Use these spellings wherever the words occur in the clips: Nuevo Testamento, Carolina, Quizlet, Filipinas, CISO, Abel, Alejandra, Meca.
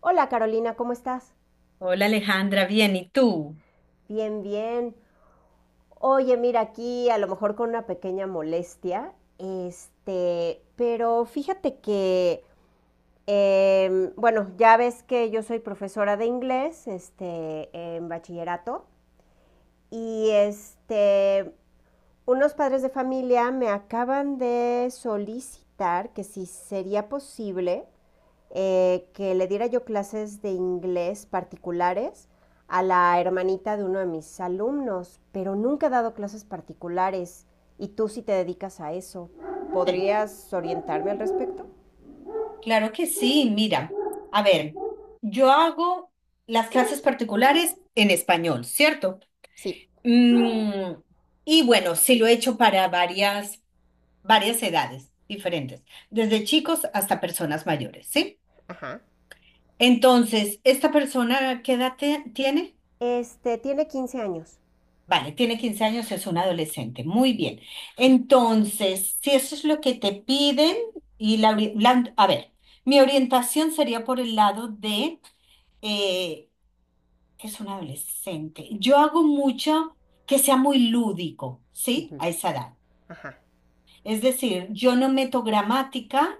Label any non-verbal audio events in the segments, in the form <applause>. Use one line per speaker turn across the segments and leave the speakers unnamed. Hola Carolina, ¿cómo estás?
Hola Alejandra, bien, ¿y tú?
Bien, bien. Oye, mira, aquí a lo mejor con una pequeña molestia, pero fíjate que, bueno, ya ves que yo soy profesora de inglés, en bachillerato, y unos padres de familia me acaban de solicitar que si sería posible que le diera yo clases de inglés particulares a la hermanita de uno de mis alumnos, pero nunca he dado clases particulares y tú sí te dedicas a eso.
<laughs>
¿Podrías orientarme al respecto?
Claro que sí, mira, a ver, yo hago las clases particulares en español, ¿cierto?
Sí.
Mm, y bueno, sí lo he hecho para varias, varias edades diferentes, desde chicos hasta personas mayores, ¿sí?
Ajá.
Entonces, ¿esta persona qué edad tiene?
Tiene 15 años.
Vale, tiene 15 años, es un adolescente. Muy bien. Entonces, si eso es lo que te piden, y a ver, mi orientación sería por el lado de eh, que es un adolescente. Yo hago mucho que sea muy lúdico, ¿sí?
Ujú.
A esa edad.
Ajá.
Es decir, yo no meto gramática.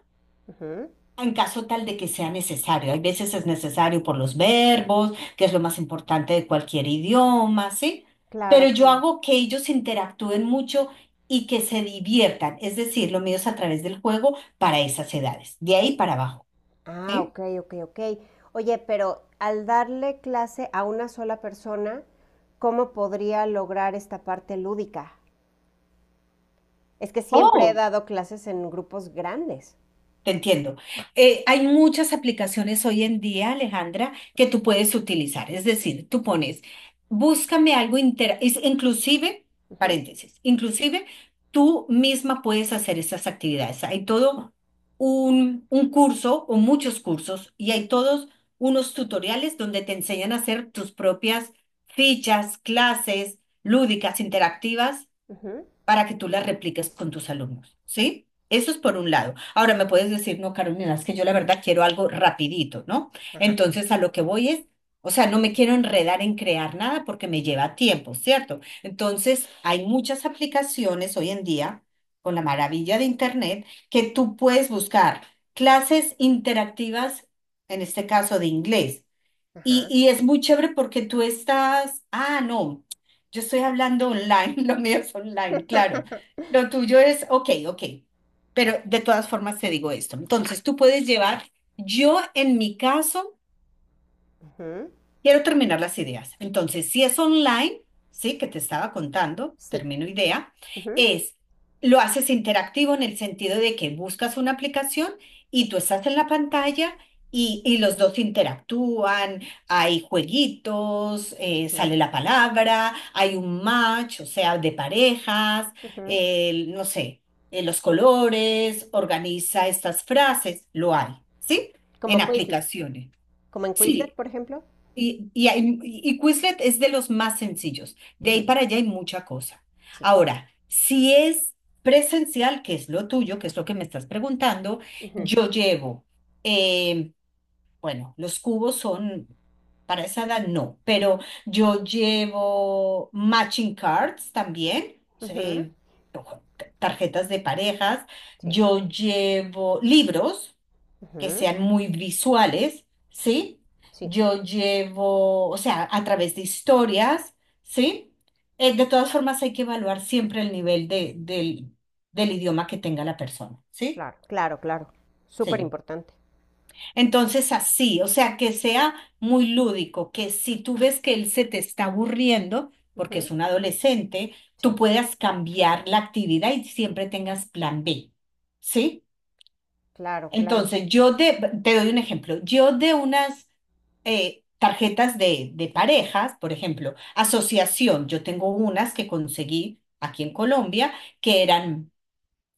Ujú.
En caso tal de que sea necesario, hay veces es necesario por los verbos, que es lo más importante de cualquier idioma, ¿sí? Pero
Claro,
yo
claro.
hago que ellos interactúen mucho y que se diviertan, es decir, lo mío es a través del juego para esas edades, de ahí para abajo,
Ah,
¿sí?
ok, ok, ok. Oye, pero al darle clase a una sola persona, ¿cómo podría lograr esta parte lúdica? Es que siempre he
Oh,
dado clases en grupos grandes.
te entiendo. Hay muchas aplicaciones hoy en día, Alejandra, que tú puedes utilizar. Es decir, tú pones, búscame algo inclusive,
Ujú,
paréntesis, inclusive tú misma puedes hacer estas actividades. Hay todo un curso o muchos cursos y hay todos unos tutoriales donde te enseñan a hacer tus propias fichas, clases lúdicas, interactivas
ujú,
para que tú las repliques con tus alumnos, ¿sí? Eso es por un lado. Ahora me puedes decir, no, Carolina, es que yo la verdad quiero algo rapidito, ¿no? Entonces a lo que voy es, o sea, no me quiero enredar en crear nada porque me lleva tiempo, ¿cierto? Entonces hay muchas aplicaciones hoy en día, con la maravilla de Internet, que tú puedes buscar clases interactivas, en este caso de inglés.
ajá,
Y es muy chévere porque tú estás, ah, no, yo estoy hablando online, <laughs> lo mío es online, claro.
<laughs>
Lo tuyo es, ok, ok, pero de todas formas te digo esto. Entonces, tú puedes llevar, yo en mi caso,
ujú,
quiero terminar las ideas. Entonces, si es online, sí, que te estaba contando,
sí.
termino idea,
Ujú,
es, lo haces interactivo en el sentido de que buscas una aplicación y tú estás en la pantalla y los dos interactúan, hay jueguitos,
ujú,
sale la palabra, hay un match, o sea, de parejas,
ujú.
no sé, los colores, organiza estas frases, lo hay, ¿sí? En
Como Quizlet.
aplicaciones.
Como en Quizlet,
Sí,
por ejemplo.
y Quizlet es de los más sencillos. De ahí
Ujú,
para allá hay mucha cosa.
sí.
Ahora, si es presencial, que es lo tuyo, que es lo que me estás preguntando,
Ujú,
yo llevo, eh, bueno, los cubos son, para esa edad no, pero yo llevo matching cards también,
ujú,
eh, tarjetas de parejas,
sí.
yo llevo libros que
Ujú,
sean muy visuales, ¿sí?
sí.
Yo llevo, o sea, a través de historias, ¿sí? De todas formas, hay que evaluar siempre el nivel de, del, del idioma que tenga la persona, ¿sí?
Claro, claro, claro. Súper
Sí.
importante.
Entonces, así, o sea, que sea muy lúdico, que si tú ves que él se te está aburriendo, porque es
Ujú,
un adolescente, tú
sí.
puedas cambiar la actividad y siempre tengas plan B, ¿sí?
Claro, claro.
Entonces, yo te doy un ejemplo. Yo de unas tarjetas de parejas, por ejemplo, asociación, yo tengo unas que conseguí aquí en Colombia que eran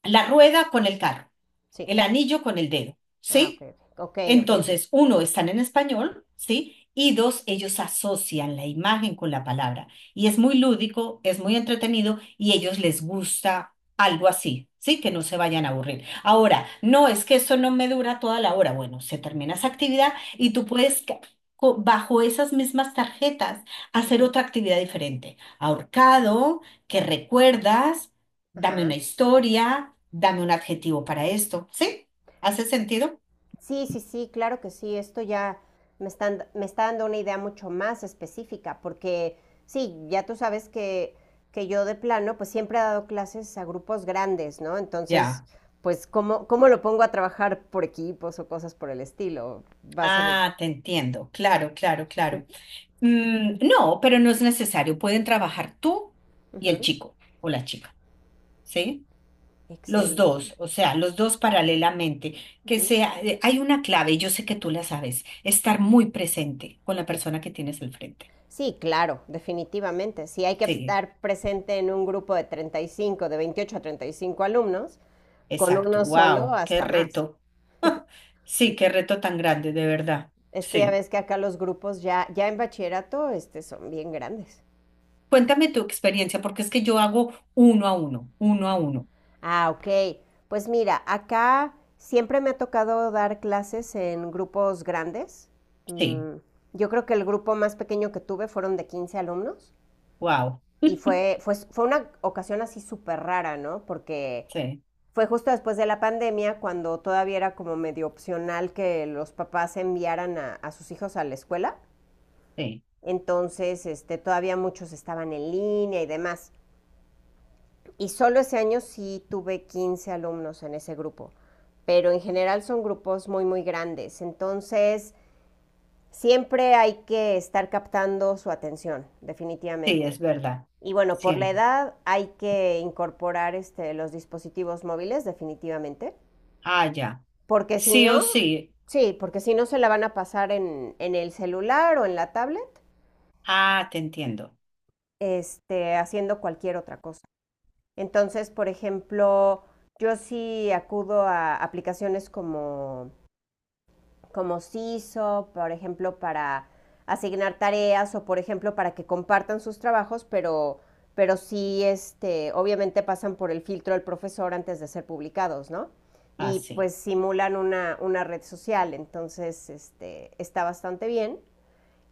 la rueda con el carro,
Sí.
el anillo con el dedo,
Ah, ok,
¿sí?
ok, ok, ok. Ok,
Entonces, uno, están en español, ¿sí? Y dos, ellos asocian la imagen con la palabra. Y es muy lúdico, es muy entretenido y a ellos les gusta algo así, ¿sí? Que no se vayan a aburrir. Ahora, no es que eso no me dura toda la hora. Bueno, se termina esa actividad y tú puedes, bajo esas mismas tarjetas, hacer
ujú,
otra actividad diferente. Ahorcado, que recuerdas, dame
ajá.
una historia, dame un adjetivo para esto, ¿sí? ¿Hace sentido?
Sí, sí, sí, claro que sí. Esto ya me está dando una idea mucho más específica, porque sí, ya tú sabes que, yo de plano, pues siempre he dado clases a grupos grandes, ¿no? Entonces,
Ya.
pues, ¿cómo lo pongo a trabajar por equipos o cosas por el estilo? Va a ser...
Ah, te entiendo. Claro, claro, claro.
<laughs>
Mm, no, pero no es necesario. Pueden trabajar tú y el
Ujú,
chico o la chica, ¿sí? Los
Excel.
dos, o sea, los dos paralelamente. Que
Ujú,
sea, hay una clave, y yo sé que tú la sabes, estar muy presente con la
sí.
persona que tienes al frente.
Sí, claro, definitivamente. Si hay que
Sí,
estar presente en un grupo de 35, de 28 a 35 alumnos, con
exacto.
uno solo
Wow, qué
hasta más.
reto. <laughs> Sí, qué reto tan grande, de verdad.
Es que ya
Sí.
ves que acá los grupos ya, ya en bachillerato son bien grandes.
Cuéntame tu experiencia, porque es que yo hago uno a uno, uno a uno.
Ah, ok. Pues mira, acá siempre me ha tocado dar clases en grupos grandes.
Sí,
Mm, yo creo que el grupo más pequeño que tuve fueron de 15 alumnos
wow.
y
<laughs>
fue una ocasión así súper rara, ¿no? Porque
Sí.
fue justo después de la pandemia cuando todavía era como medio opcional que los papás enviaran a sus hijos a la escuela.
Sí,
Entonces, todavía muchos estaban en línea y demás. Y solo ese año sí tuve 15 alumnos en ese grupo, pero en general son grupos muy, muy grandes. Entonces, siempre hay que estar captando su atención,
sí,
definitivamente.
es verdad.
Y bueno, por la
Siempre.
edad hay que incorporar los dispositivos móviles, definitivamente,
Ah, ya.
porque si
Sí
no,
o sí.
sí, porque si no se la van a pasar en el celular o en la tablet,
Ah, te entiendo.
haciendo cualquier otra cosa. Entonces, por ejemplo, yo sí acudo a aplicaciones como CISO, por ejemplo, para asignar tareas o, por ejemplo, para que compartan sus trabajos, pero sí, obviamente pasan por el filtro del profesor antes de ser publicados, ¿no?
Ah,
Y
sí.
pues simulan una red social, entonces está bastante bien.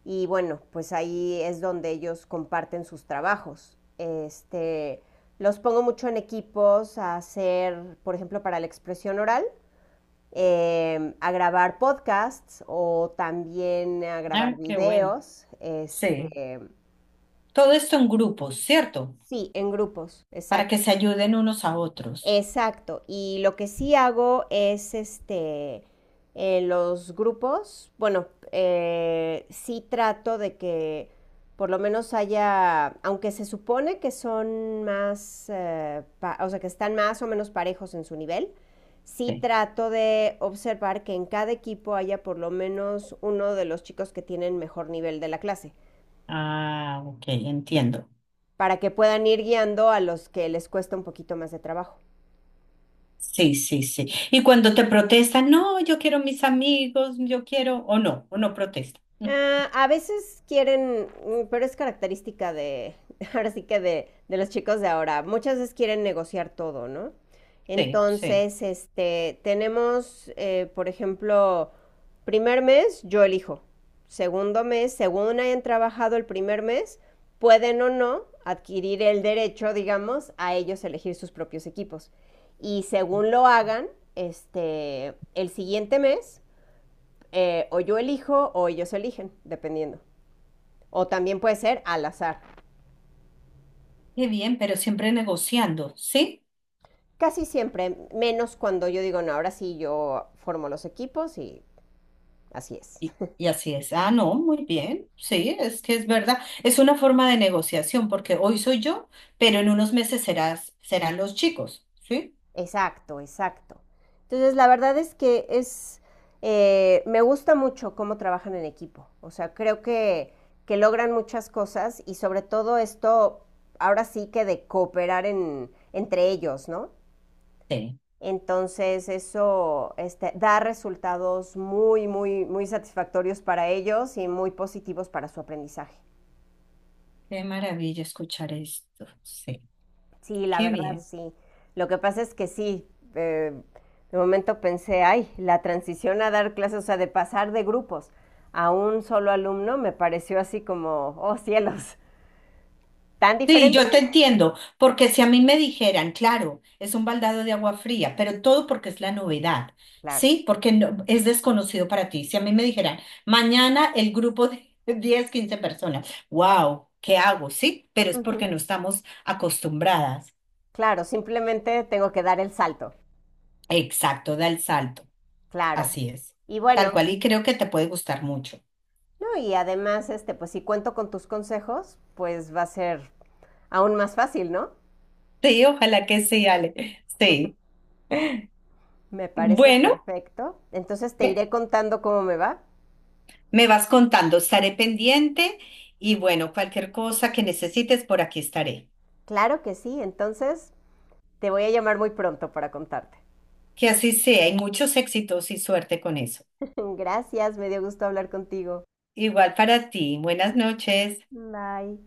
Y bueno, pues ahí es donde ellos comparten sus trabajos. Los pongo mucho en equipos a hacer, por ejemplo, para la expresión oral, a grabar podcasts o también a grabar
Ah, qué bueno.
videos.
Sí.
Este,
Todo esto en grupos, ¿cierto?
sí, en grupos,
Para
exacto.
que se ayuden unos a otros.
Exacto. Y lo que sí hago es en los grupos, bueno, sí trato de que por lo menos haya, aunque se supone que son más, o sea, que están más o menos parejos en su nivel, sí
Sí.
trato de observar que en cada equipo haya por lo menos uno de los chicos que tienen mejor nivel de la clase,
Ah, ok, entiendo.
para que puedan ir guiando a los que les cuesta un poquito más de trabajo.
Sí, sí, sí. Y cuando te protestan, no, yo quiero mis amigos, yo quiero, o no protesta. <laughs>
Ah, a veces quieren, pero es característica de, <laughs> ahora sí que de los chicos de ahora, muchas veces quieren negociar todo, ¿no?
Sí, sí.
Entonces, tenemos, por ejemplo, primer mes, yo elijo. Segundo mes, según hayan trabajado el primer mes, pueden o no adquirir el derecho, digamos, a ellos elegir sus propios equipos. Y según lo hagan, el siguiente mes o yo elijo o ellos eligen, dependiendo. O también puede ser al azar.
Qué bien, pero siempre negociando, ¿sí?
Casi siempre, menos cuando yo digo, no, ahora sí yo formo los equipos y así es. <laughs>
Y así es. Ah, no, muy bien. Sí, es que es verdad. Es una forma de negociación porque hoy soy yo, pero en unos meses serás, serán los chicos. ¿Sí?
Exacto, exacto. Entonces, la verdad es que me gusta mucho cómo trabajan en equipo. O sea, creo que, logran muchas cosas y sobre todo esto, ahora sí que de cooperar entre ellos, ¿no?
Sí.
Entonces eso da resultados muy, muy, muy satisfactorios para ellos y muy positivos para su aprendizaje.
Qué maravilla escuchar esto. Sí.
Sí, la
Qué
verdad,
bien.
sí. Lo que pasa es que sí, eh, de momento pensé, ay, la transición a dar clases, o sea, de pasar de grupos a un solo alumno me pareció así como, oh cielos, tan
Sí,
diferente.
yo te entiendo, porque si a mí me dijeran, claro, es un baldado de agua fría, pero todo porque es la novedad,
Claro,
¿sí? Porque es desconocido para ti. Si a mí me dijeran, mañana el grupo de <laughs> 10, 15 personas, wow, ¿qué hago? Sí, pero es porque
ujú,
no estamos acostumbradas.
claro, simplemente tengo que dar el salto,
Exacto, da el salto,
claro.
así es.
Y
Tal
bueno,
cual, y creo que te puede gustar mucho.
no, y además, pues si cuento con tus consejos, pues va a ser aún más fácil, ¿no?
Sí, ojalá que sí, Ale. Sí.
Me parece
Bueno.
perfecto. Entonces te iré contando cómo me va.
Me vas contando, estaré pendiente y bueno, cualquier cosa que necesites, por aquí estaré.
Claro que sí, entonces te voy a llamar muy pronto para contarte.
Que así sea y muchos éxitos y suerte con eso.
<laughs> Gracias, me dio gusto hablar contigo.
Igual para ti. Buenas noches.
Bye.